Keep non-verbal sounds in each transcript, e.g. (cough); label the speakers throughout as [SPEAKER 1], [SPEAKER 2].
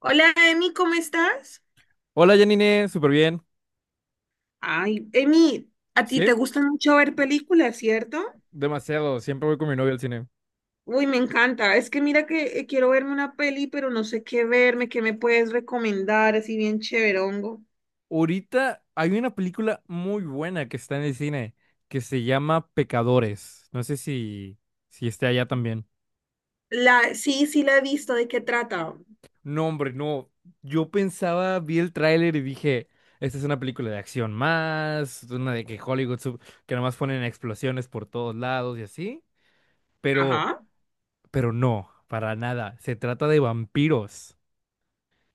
[SPEAKER 1] Hola, Emi, ¿cómo estás?
[SPEAKER 2] Hola Janine, súper bien.
[SPEAKER 1] Ay, Emi, a ti
[SPEAKER 2] Sí,
[SPEAKER 1] te gusta mucho ver películas, ¿cierto?
[SPEAKER 2] demasiado. Siempre voy con mi novia al cine.
[SPEAKER 1] Uy, me encanta. Es que mira que quiero verme una peli, pero no sé qué verme, qué me puedes recomendar, así bien chéverongo.
[SPEAKER 2] Ahorita hay una película muy buena que está en el cine que se llama Pecadores. No sé si esté allá también.
[SPEAKER 1] Sí, sí la he visto, ¿de qué trata?
[SPEAKER 2] No, hombre, no. Yo pensaba, vi el tráiler y dije, esta es una película de acción más, una de que Hollywood, que nomás ponen explosiones por todos lados y así. Pero,
[SPEAKER 1] Ajá.
[SPEAKER 2] pero no, para nada. Se trata de vampiros.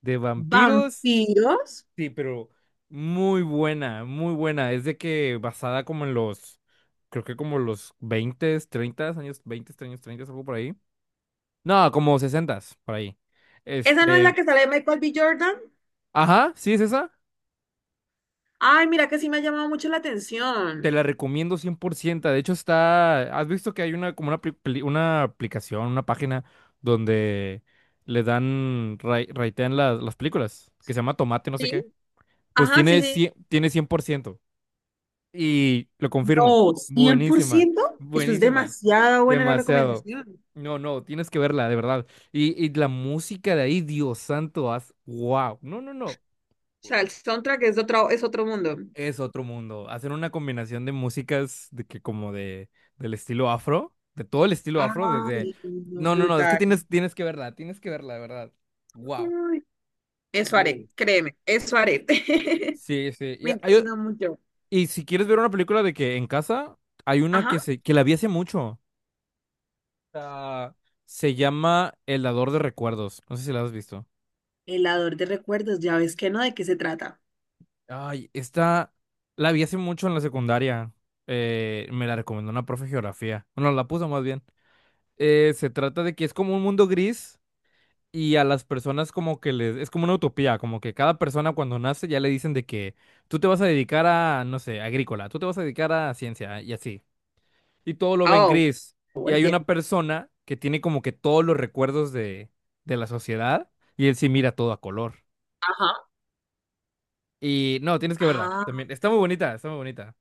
[SPEAKER 2] De vampiros.
[SPEAKER 1] ¿Vampiros?
[SPEAKER 2] Sí, pero muy buena, muy buena. Es de que basada como en los, creo que como los 20, 30 años, 20, años, 30 algo por ahí. No, como 60, por ahí.
[SPEAKER 1] ¿Esa no es
[SPEAKER 2] Este,
[SPEAKER 1] la que sale de Michael B. Jordan?
[SPEAKER 2] ajá, sí es esa.
[SPEAKER 1] Ay, mira que sí me ha llamado mucho la
[SPEAKER 2] Te
[SPEAKER 1] atención.
[SPEAKER 2] la recomiendo 100%. De hecho está, has visto que hay una como una, una aplicación, una página donde le dan, ratean las películas, que se llama Tomate, no sé qué.
[SPEAKER 1] Sí.
[SPEAKER 2] Pues
[SPEAKER 1] Ajá,
[SPEAKER 2] tiene,
[SPEAKER 1] sí, sí.
[SPEAKER 2] tiene 100%. Y lo confirmo,
[SPEAKER 1] No, cien por
[SPEAKER 2] buenísima,
[SPEAKER 1] ciento. Eso es
[SPEAKER 2] buenísima,
[SPEAKER 1] demasiado buena la
[SPEAKER 2] demasiado.
[SPEAKER 1] recomendación.
[SPEAKER 2] No, no, tienes que verla, de verdad. Y la música de ahí, Dios santo, haz, wow. No, no, no.
[SPEAKER 1] O sea, el soundtrack es de otro, es otro mundo.
[SPEAKER 2] Es otro mundo. Hacen una combinación de músicas de que como de del estilo afro, de todo el estilo afro, desde.
[SPEAKER 1] Ay, no,
[SPEAKER 2] No, no, no, es que
[SPEAKER 1] brutal.
[SPEAKER 2] tienes, tienes que verla, de verdad. Wow.
[SPEAKER 1] Ay, eso haré, créeme, eso haré. (laughs)
[SPEAKER 2] Sí, sí.
[SPEAKER 1] Me interesa mucho.
[SPEAKER 2] Y si quieres ver una película de que en casa, hay una que
[SPEAKER 1] Ajá.
[SPEAKER 2] se, que la vi hace mucho. Ah, Se llama El Dador de Recuerdos. No sé si la has visto.
[SPEAKER 1] Helador de recuerdos, ya ves que no, ¿de qué se trata?
[SPEAKER 2] Ay, esta la vi hace mucho en la secundaria. Me la recomendó una profe de geografía. Bueno, la puso más bien. Se trata de que es como un mundo gris y a las personas como que les... Es como una utopía, como que cada persona cuando nace ya le dicen de que tú te vas a dedicar a, no sé, agrícola, tú te vas a dedicar a ciencia y así. Y todo lo ven
[SPEAKER 1] Oh,
[SPEAKER 2] gris. Y hay una
[SPEAKER 1] entiendo.
[SPEAKER 2] persona que tiene como que todos los recuerdos de la sociedad y él sí mira todo a color.
[SPEAKER 1] Ajá.
[SPEAKER 2] Y no, tienes que verla también. Está muy bonita, está muy bonita.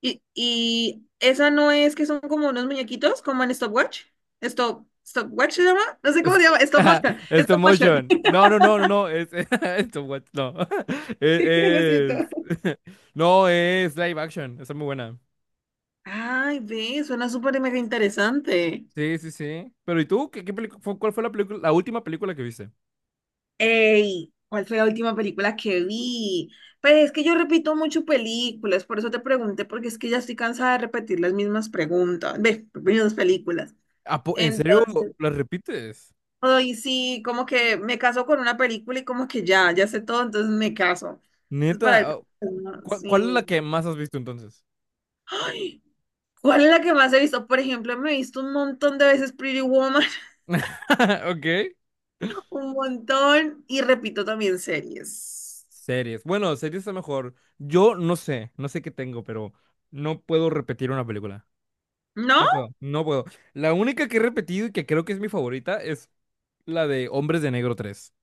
[SPEAKER 1] Y esa no es que son como unos muñequitos, como en Stopwatch. Stop, Stopwatch se llama. No sé cómo
[SPEAKER 2] Es-
[SPEAKER 1] se llama. Stop
[SPEAKER 2] (laughs)
[SPEAKER 1] motion.
[SPEAKER 2] Stop
[SPEAKER 1] Stop motion.
[SPEAKER 2] motion. No, no, no, no, no. Es, (laughs) no. (laughs)
[SPEAKER 1] (laughs) Lo siento.
[SPEAKER 2] Es, es- (laughs) No, es live action. Está muy buena.
[SPEAKER 1] Ay, ve, suena súper mega interesante.
[SPEAKER 2] Sí, sí, sí. Pero ¿y tú? ¿Cuál fue la película, la última película que viste?
[SPEAKER 1] Ey, ¿cuál fue la última película que vi? Pues es que yo repito mucho películas, por eso te pregunté, porque es que ya estoy cansada de repetir las mismas preguntas, ve, mismas películas.
[SPEAKER 2] ¿En serio
[SPEAKER 1] Entonces,
[SPEAKER 2] la repites?
[SPEAKER 1] ay, sí, como que me caso con una película y como que ya, ya sé todo, entonces me caso. Entonces, para
[SPEAKER 2] Neta, ah,
[SPEAKER 1] el
[SPEAKER 2] ¿cuál es la
[SPEAKER 1] sí.
[SPEAKER 2] que más has visto entonces?
[SPEAKER 1] Ay, ¿cuál es la que más he visto? Por ejemplo, me he visto un montón de veces Pretty Woman,
[SPEAKER 2] (laughs) Ok.
[SPEAKER 1] (laughs) un montón, y repito también series.
[SPEAKER 2] Series. Bueno, series es mejor. Yo no sé, no sé qué tengo, pero no puedo repetir una película.
[SPEAKER 1] ¿No?
[SPEAKER 2] No puedo, no puedo. La única que he repetido y que creo que es mi favorita es la de Hombres de Negro 3.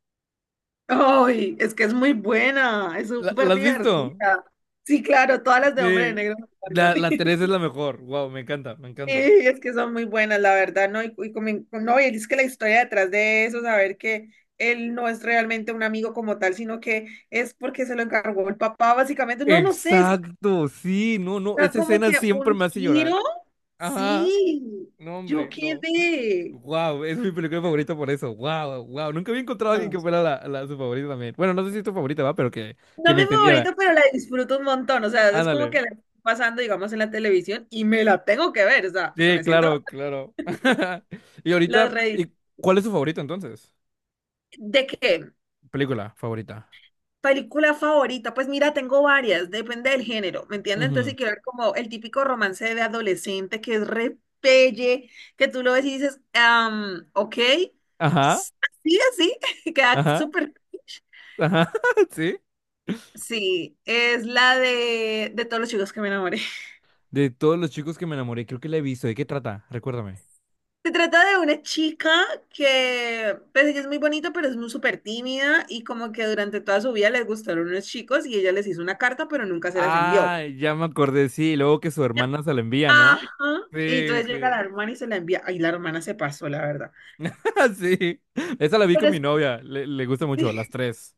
[SPEAKER 1] Ay, es que es muy buena, es
[SPEAKER 2] ¿La
[SPEAKER 1] súper
[SPEAKER 2] has visto?
[SPEAKER 1] divertida. Sí, claro, todas las de Hombre de
[SPEAKER 2] Sí.
[SPEAKER 1] Negro me encantan.
[SPEAKER 2] La 3
[SPEAKER 1] (laughs)
[SPEAKER 2] es la mejor. Wow, me encanta, me
[SPEAKER 1] Sí,
[SPEAKER 2] encanta.
[SPEAKER 1] es que son muy buenas, la verdad, ¿no? Y como no, y es que la historia detrás de eso, saber que él no es realmente un amigo como tal, sino que es porque se lo encargó el papá, básicamente. No, no sé,
[SPEAKER 2] Exacto, sí, no, no,
[SPEAKER 1] está
[SPEAKER 2] esa
[SPEAKER 1] como
[SPEAKER 2] escena
[SPEAKER 1] que
[SPEAKER 2] siempre
[SPEAKER 1] un
[SPEAKER 2] me hace
[SPEAKER 1] giro.
[SPEAKER 2] llorar. Ajá.
[SPEAKER 1] Sí,
[SPEAKER 2] No,
[SPEAKER 1] yo
[SPEAKER 2] hombre, no.
[SPEAKER 1] quedé.
[SPEAKER 2] Wow, es mi película favorita por eso. Wow, wow. Nunca había encontrado a alguien
[SPEAKER 1] No,
[SPEAKER 2] que fuera su favorita también. Bueno, no sé si es tu favorita, va, pero
[SPEAKER 1] no
[SPEAKER 2] que
[SPEAKER 1] es
[SPEAKER 2] me
[SPEAKER 1] mi favorita,
[SPEAKER 2] entendiera.
[SPEAKER 1] pero la disfruto un montón. O sea, es como
[SPEAKER 2] Ándale.
[SPEAKER 1] que la estoy pasando, digamos, en la televisión y me la tengo que ver. O sea, se
[SPEAKER 2] Sí,
[SPEAKER 1] me siento.
[SPEAKER 2] claro, claro. (laughs) Y
[SPEAKER 1] Las
[SPEAKER 2] ahorita,
[SPEAKER 1] redes.
[SPEAKER 2] ¿y cuál es tu favorita entonces?
[SPEAKER 1] ¿De qué?
[SPEAKER 2] Película favorita.
[SPEAKER 1] Película favorita, pues mira, tengo varias, depende del género, ¿me entiendes? Entonces,
[SPEAKER 2] Ujú.
[SPEAKER 1] si quiero ver como el típico romance de adolescente que es repelle, que tú lo ves y dices, am, ok,
[SPEAKER 2] Ajá,
[SPEAKER 1] s- así, así, (laughs) queda
[SPEAKER 2] ajá,
[SPEAKER 1] súper.
[SPEAKER 2] ajá. (laughs) Sí.
[SPEAKER 1] Sí, es la de todos los chicos que me enamoré.
[SPEAKER 2] De todos los chicos que me enamoré, creo que la he visto. ¿De qué trata? Recuérdame.
[SPEAKER 1] (laughs) Se trata de una chica que, pues ella es muy bonita, pero es muy súper tímida y como que durante toda su vida les gustaron unos chicos y ella les hizo una carta, pero nunca se las envió.
[SPEAKER 2] Ah, ya me acordé, sí. Y luego que su hermana se la envía, ¿no?
[SPEAKER 1] Ajá.
[SPEAKER 2] Sí,
[SPEAKER 1] Y entonces llega
[SPEAKER 2] sí.
[SPEAKER 1] la hermana y se la envía. Ay, la hermana se pasó, la verdad.
[SPEAKER 2] (laughs) Sí, esa la vi con
[SPEAKER 1] Pero
[SPEAKER 2] mi novia, le gusta mucho,
[SPEAKER 1] sí,
[SPEAKER 2] las tres.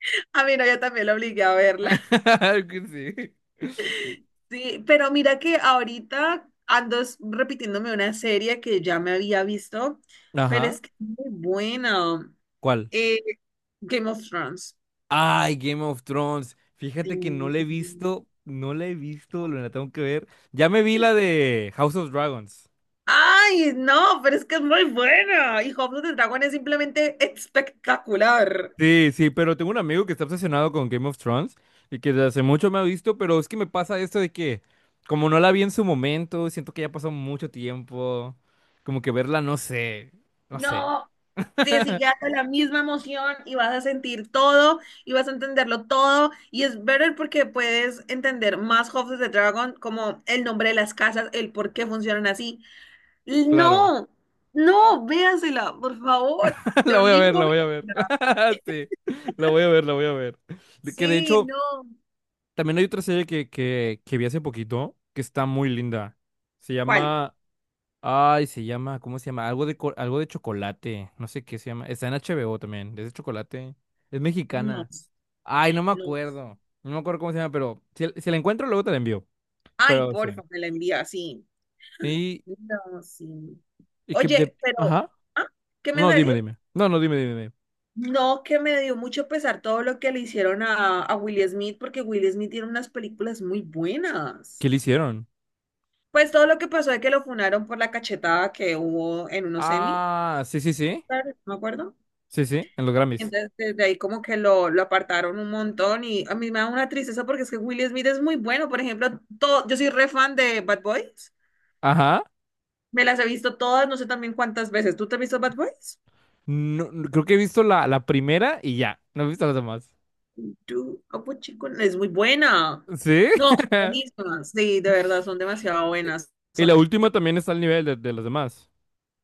[SPEAKER 1] (laughs) a mí no, yo también la obligué a verla.
[SPEAKER 2] (laughs) Que sí.
[SPEAKER 1] Sí, pero mira que ahorita ando es repitiéndome una serie que ya me había visto, pero
[SPEAKER 2] Ajá,
[SPEAKER 1] es que es muy buena.
[SPEAKER 2] ¿cuál?
[SPEAKER 1] Eh, Game of Thrones.
[SPEAKER 2] Ay, Game of Thrones.
[SPEAKER 1] Sí.
[SPEAKER 2] Fíjate que no la he visto, no la he visto, lo la tengo que ver. Ya me vi la de House of Dragons.
[SPEAKER 1] Ay, no, pero es que es muy buena. Y House of the Dragon es simplemente espectacular.
[SPEAKER 2] Sí, sí, pero tengo un amigo que está obsesionado con Game of Thrones y que desde hace mucho me ha visto, pero es que me pasa esto de que, como no la vi en su momento, siento que ya pasó mucho tiempo, como que verla, no sé, no sé,
[SPEAKER 1] No, te sigue dando la misma emoción y vas a sentir todo y vas a entenderlo todo. Y es better porque puedes entender más House of the Dragon, como el nombre de las casas, el por qué funcionan así.
[SPEAKER 2] claro.
[SPEAKER 1] No, no, véasela, por favor,
[SPEAKER 2] (laughs)
[SPEAKER 1] te
[SPEAKER 2] La voy a ver,
[SPEAKER 1] obligo a
[SPEAKER 2] la voy a ver.
[SPEAKER 1] verla.
[SPEAKER 2] (laughs) Sí, la voy a ver, la voy a ver. De que de
[SPEAKER 1] Sí,
[SPEAKER 2] hecho,
[SPEAKER 1] no.
[SPEAKER 2] también hay otra serie que vi hace poquito que está muy linda. Se
[SPEAKER 1] ¿Cuál?
[SPEAKER 2] llama. Ay, se llama. ¿Cómo se llama? Algo de, algo de chocolate. No sé qué se llama. Está en HBO también. Es de chocolate. Es
[SPEAKER 1] No,
[SPEAKER 2] mexicana. Ay, no me
[SPEAKER 1] no.
[SPEAKER 2] acuerdo. No me acuerdo cómo se llama, pero si la encuentro, luego te la envío.
[SPEAKER 1] Ay,
[SPEAKER 2] Pero sí.
[SPEAKER 1] porfa, me la envía, sí.
[SPEAKER 2] Y,
[SPEAKER 1] No, sí.
[SPEAKER 2] y que de.
[SPEAKER 1] Oye, pero,
[SPEAKER 2] Ajá.
[SPEAKER 1] ¿ah? ¿Qué me
[SPEAKER 2] No,
[SPEAKER 1] vas a
[SPEAKER 2] dime,
[SPEAKER 1] decir?
[SPEAKER 2] dime. No, no, dime, dime, dime.
[SPEAKER 1] No, que me dio mucho pesar todo lo que le hicieron a Will Smith, porque Will Smith tiene unas películas muy
[SPEAKER 2] ¿Qué
[SPEAKER 1] buenas.
[SPEAKER 2] le hicieron?
[SPEAKER 1] Pues todo lo que pasó de que lo funaron por la cachetada que hubo en unos semi,
[SPEAKER 2] Ah, sí, sí, sí.
[SPEAKER 1] Oscar, no me acuerdo.
[SPEAKER 2] Sí, sí, en los Grammys.
[SPEAKER 1] Entonces, desde ahí como que lo apartaron un montón y a mí me da una tristeza porque es que Will Smith es muy bueno. Por ejemplo, todo, yo soy re fan de Bad Boys.
[SPEAKER 2] Ajá.
[SPEAKER 1] Me las he visto todas, no sé también cuántas veces. ¿Tú te has visto Bad Boys?
[SPEAKER 2] Creo que he visto la primera y ya. No he visto las demás.
[SPEAKER 1] Yo, Capuchino, es muy buena.
[SPEAKER 2] ¿Sí?
[SPEAKER 1] No, son
[SPEAKER 2] (laughs)
[SPEAKER 1] buenísimas. Sí, de verdad, son demasiado buenas.
[SPEAKER 2] Y
[SPEAKER 1] Son
[SPEAKER 2] la última también está al nivel de las demás.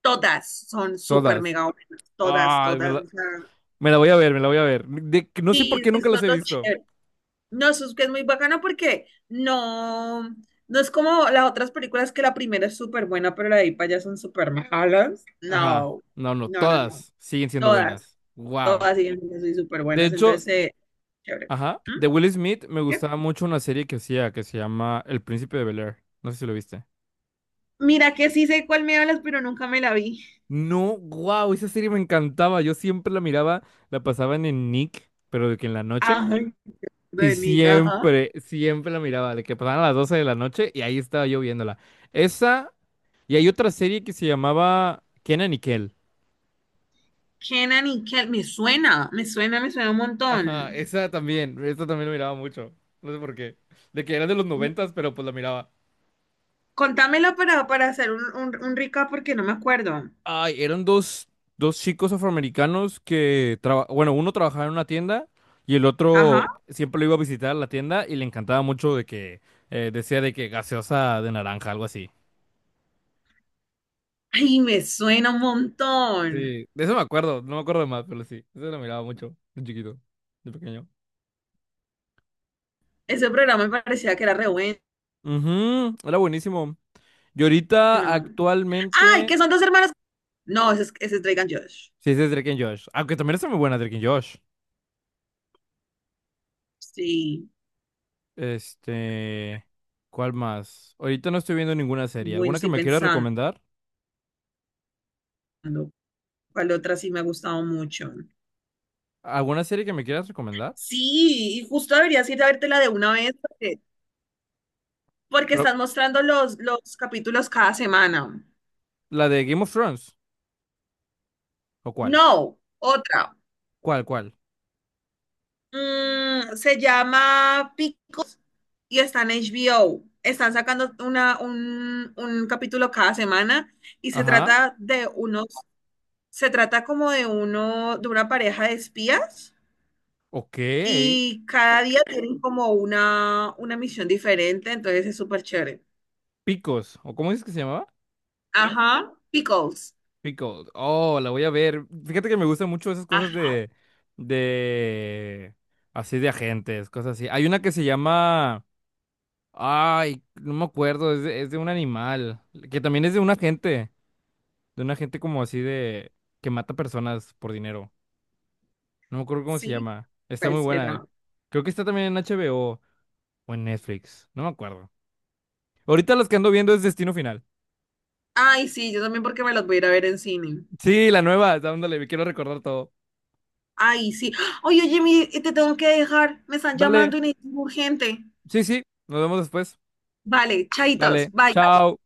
[SPEAKER 1] todas, son súper
[SPEAKER 2] Todas.
[SPEAKER 1] mega buenas. Todas,
[SPEAKER 2] Ay,
[SPEAKER 1] todas. O sea,
[SPEAKER 2] me la voy a ver, me la voy a ver. De que no sé por
[SPEAKER 1] sí,
[SPEAKER 2] qué nunca
[SPEAKER 1] eso
[SPEAKER 2] las
[SPEAKER 1] es
[SPEAKER 2] he
[SPEAKER 1] lo
[SPEAKER 2] visto.
[SPEAKER 1] chévere. No, eso es que es muy bacana porque no, no es como las otras películas que la primera es súper buena, pero la de ahí para allá son súper malas.
[SPEAKER 2] Ajá.
[SPEAKER 1] No,
[SPEAKER 2] No, no,
[SPEAKER 1] no, no, no.
[SPEAKER 2] todas siguen siendo
[SPEAKER 1] Todas,
[SPEAKER 2] buenas. Wow.
[SPEAKER 1] todas siguen siendo súper
[SPEAKER 2] De
[SPEAKER 1] buenas. Entonces,
[SPEAKER 2] hecho,
[SPEAKER 1] chévere.
[SPEAKER 2] ajá,
[SPEAKER 1] ¿Mm?
[SPEAKER 2] de Will Smith me
[SPEAKER 1] ¿Qué?
[SPEAKER 2] gustaba mucho una serie que hacía que se llama El Príncipe de Bel-Air. No sé si lo viste.
[SPEAKER 1] Mira que sí sé cuál me hablas, pero nunca me la vi.
[SPEAKER 2] No, wow, esa serie me encantaba. Yo siempre la miraba, la pasaban en Nick, pero de que en la noche.
[SPEAKER 1] Ay,
[SPEAKER 2] Y
[SPEAKER 1] de Nick, ajá.
[SPEAKER 2] siempre, siempre la miraba, de que pasaban a las 12 de la noche y ahí estaba yo viéndola. Esa, y hay otra serie que se llamaba Kenan y Kel.
[SPEAKER 1] Kenan y Kel, me suena, me suena, me suena un
[SPEAKER 2] Ajá,
[SPEAKER 1] montón.
[SPEAKER 2] esa también la miraba mucho. No sé por qué. De que era de los noventas, pero pues la miraba.
[SPEAKER 1] Contámelo para hacer un recap porque no me acuerdo.
[SPEAKER 2] Ay, eran dos, dos chicos afroamericanos que, bueno, uno trabajaba en una tienda y el otro
[SPEAKER 1] Ajá.
[SPEAKER 2] siempre lo iba a visitar a la tienda y le encantaba mucho de que decía de que gaseosa de naranja, algo así.
[SPEAKER 1] Ay, me suena un montón.
[SPEAKER 2] Sí, de eso me acuerdo, no me acuerdo de más, pero sí, eso lo miraba mucho, de chiquito, de pequeño.
[SPEAKER 1] Ese programa me parecía que era re bueno.
[SPEAKER 2] Ujú, era buenísimo. Y ahorita,
[SPEAKER 1] Ay, que
[SPEAKER 2] actualmente,
[SPEAKER 1] son dos hermanos. No, ese es Drake and Josh.
[SPEAKER 2] sí, ese es Drake and Josh. Aunque también está muy buena Drake and Josh.
[SPEAKER 1] Sí,
[SPEAKER 2] Este, ¿Cuál más? Ahorita no estoy viendo ninguna serie.
[SPEAKER 1] bueno,
[SPEAKER 2] ¿Alguna que
[SPEAKER 1] estoy
[SPEAKER 2] me quieras
[SPEAKER 1] pensando.
[SPEAKER 2] recomendar?
[SPEAKER 1] ¿Cuál otra sí me ha gustado mucho?
[SPEAKER 2] ¿Alguna serie que me quieras recomendar?
[SPEAKER 1] Sí, y justo deberías ir a vértela de una vez porque, porque
[SPEAKER 2] Pero,
[SPEAKER 1] estás mostrando los capítulos cada semana.
[SPEAKER 2] ¿la de Game of Thrones? ¿O cuál?
[SPEAKER 1] No, otra.
[SPEAKER 2] ¿Cuál, cuál?
[SPEAKER 1] Mm, se llama Picos y está en HBO. Están sacando una, un capítulo cada semana y se
[SPEAKER 2] Ajá,
[SPEAKER 1] trata de unos, se trata como de uno, de una pareja de espías
[SPEAKER 2] ok.
[SPEAKER 1] y cada día tienen como una misión diferente, entonces es súper chévere.
[SPEAKER 2] Picos, ¿o cómo es que se llamaba?
[SPEAKER 1] Ajá, Pickles.
[SPEAKER 2] Pickled. Oh, la voy a ver. Fíjate que me gustan mucho esas
[SPEAKER 1] Ah,
[SPEAKER 2] cosas de, así de agentes, cosas así. Hay una que se llama, ay, no me acuerdo, es de un animal, que también es de un agente como así de, que mata personas por dinero. No me acuerdo cómo se
[SPEAKER 1] sí,
[SPEAKER 2] llama. Está
[SPEAKER 1] ¿cuál
[SPEAKER 2] muy buena.
[SPEAKER 1] será?
[SPEAKER 2] Creo que está también en HBO o en Netflix, no me acuerdo. Ahorita las que ando viendo es Destino Final.
[SPEAKER 1] Ay, sí, yo también porque me los voy a ir a ver en cine.
[SPEAKER 2] Sí, la nueva, dándole, quiero recordar todo.
[SPEAKER 1] Ay, sí. Oye, oye, te tengo que dejar. Me están
[SPEAKER 2] Dale,
[SPEAKER 1] llamando y necesito urgente.
[SPEAKER 2] sí, sí, nos vemos después.
[SPEAKER 1] Vale, chaitos.
[SPEAKER 2] Dale,
[SPEAKER 1] Bye.
[SPEAKER 2] chao.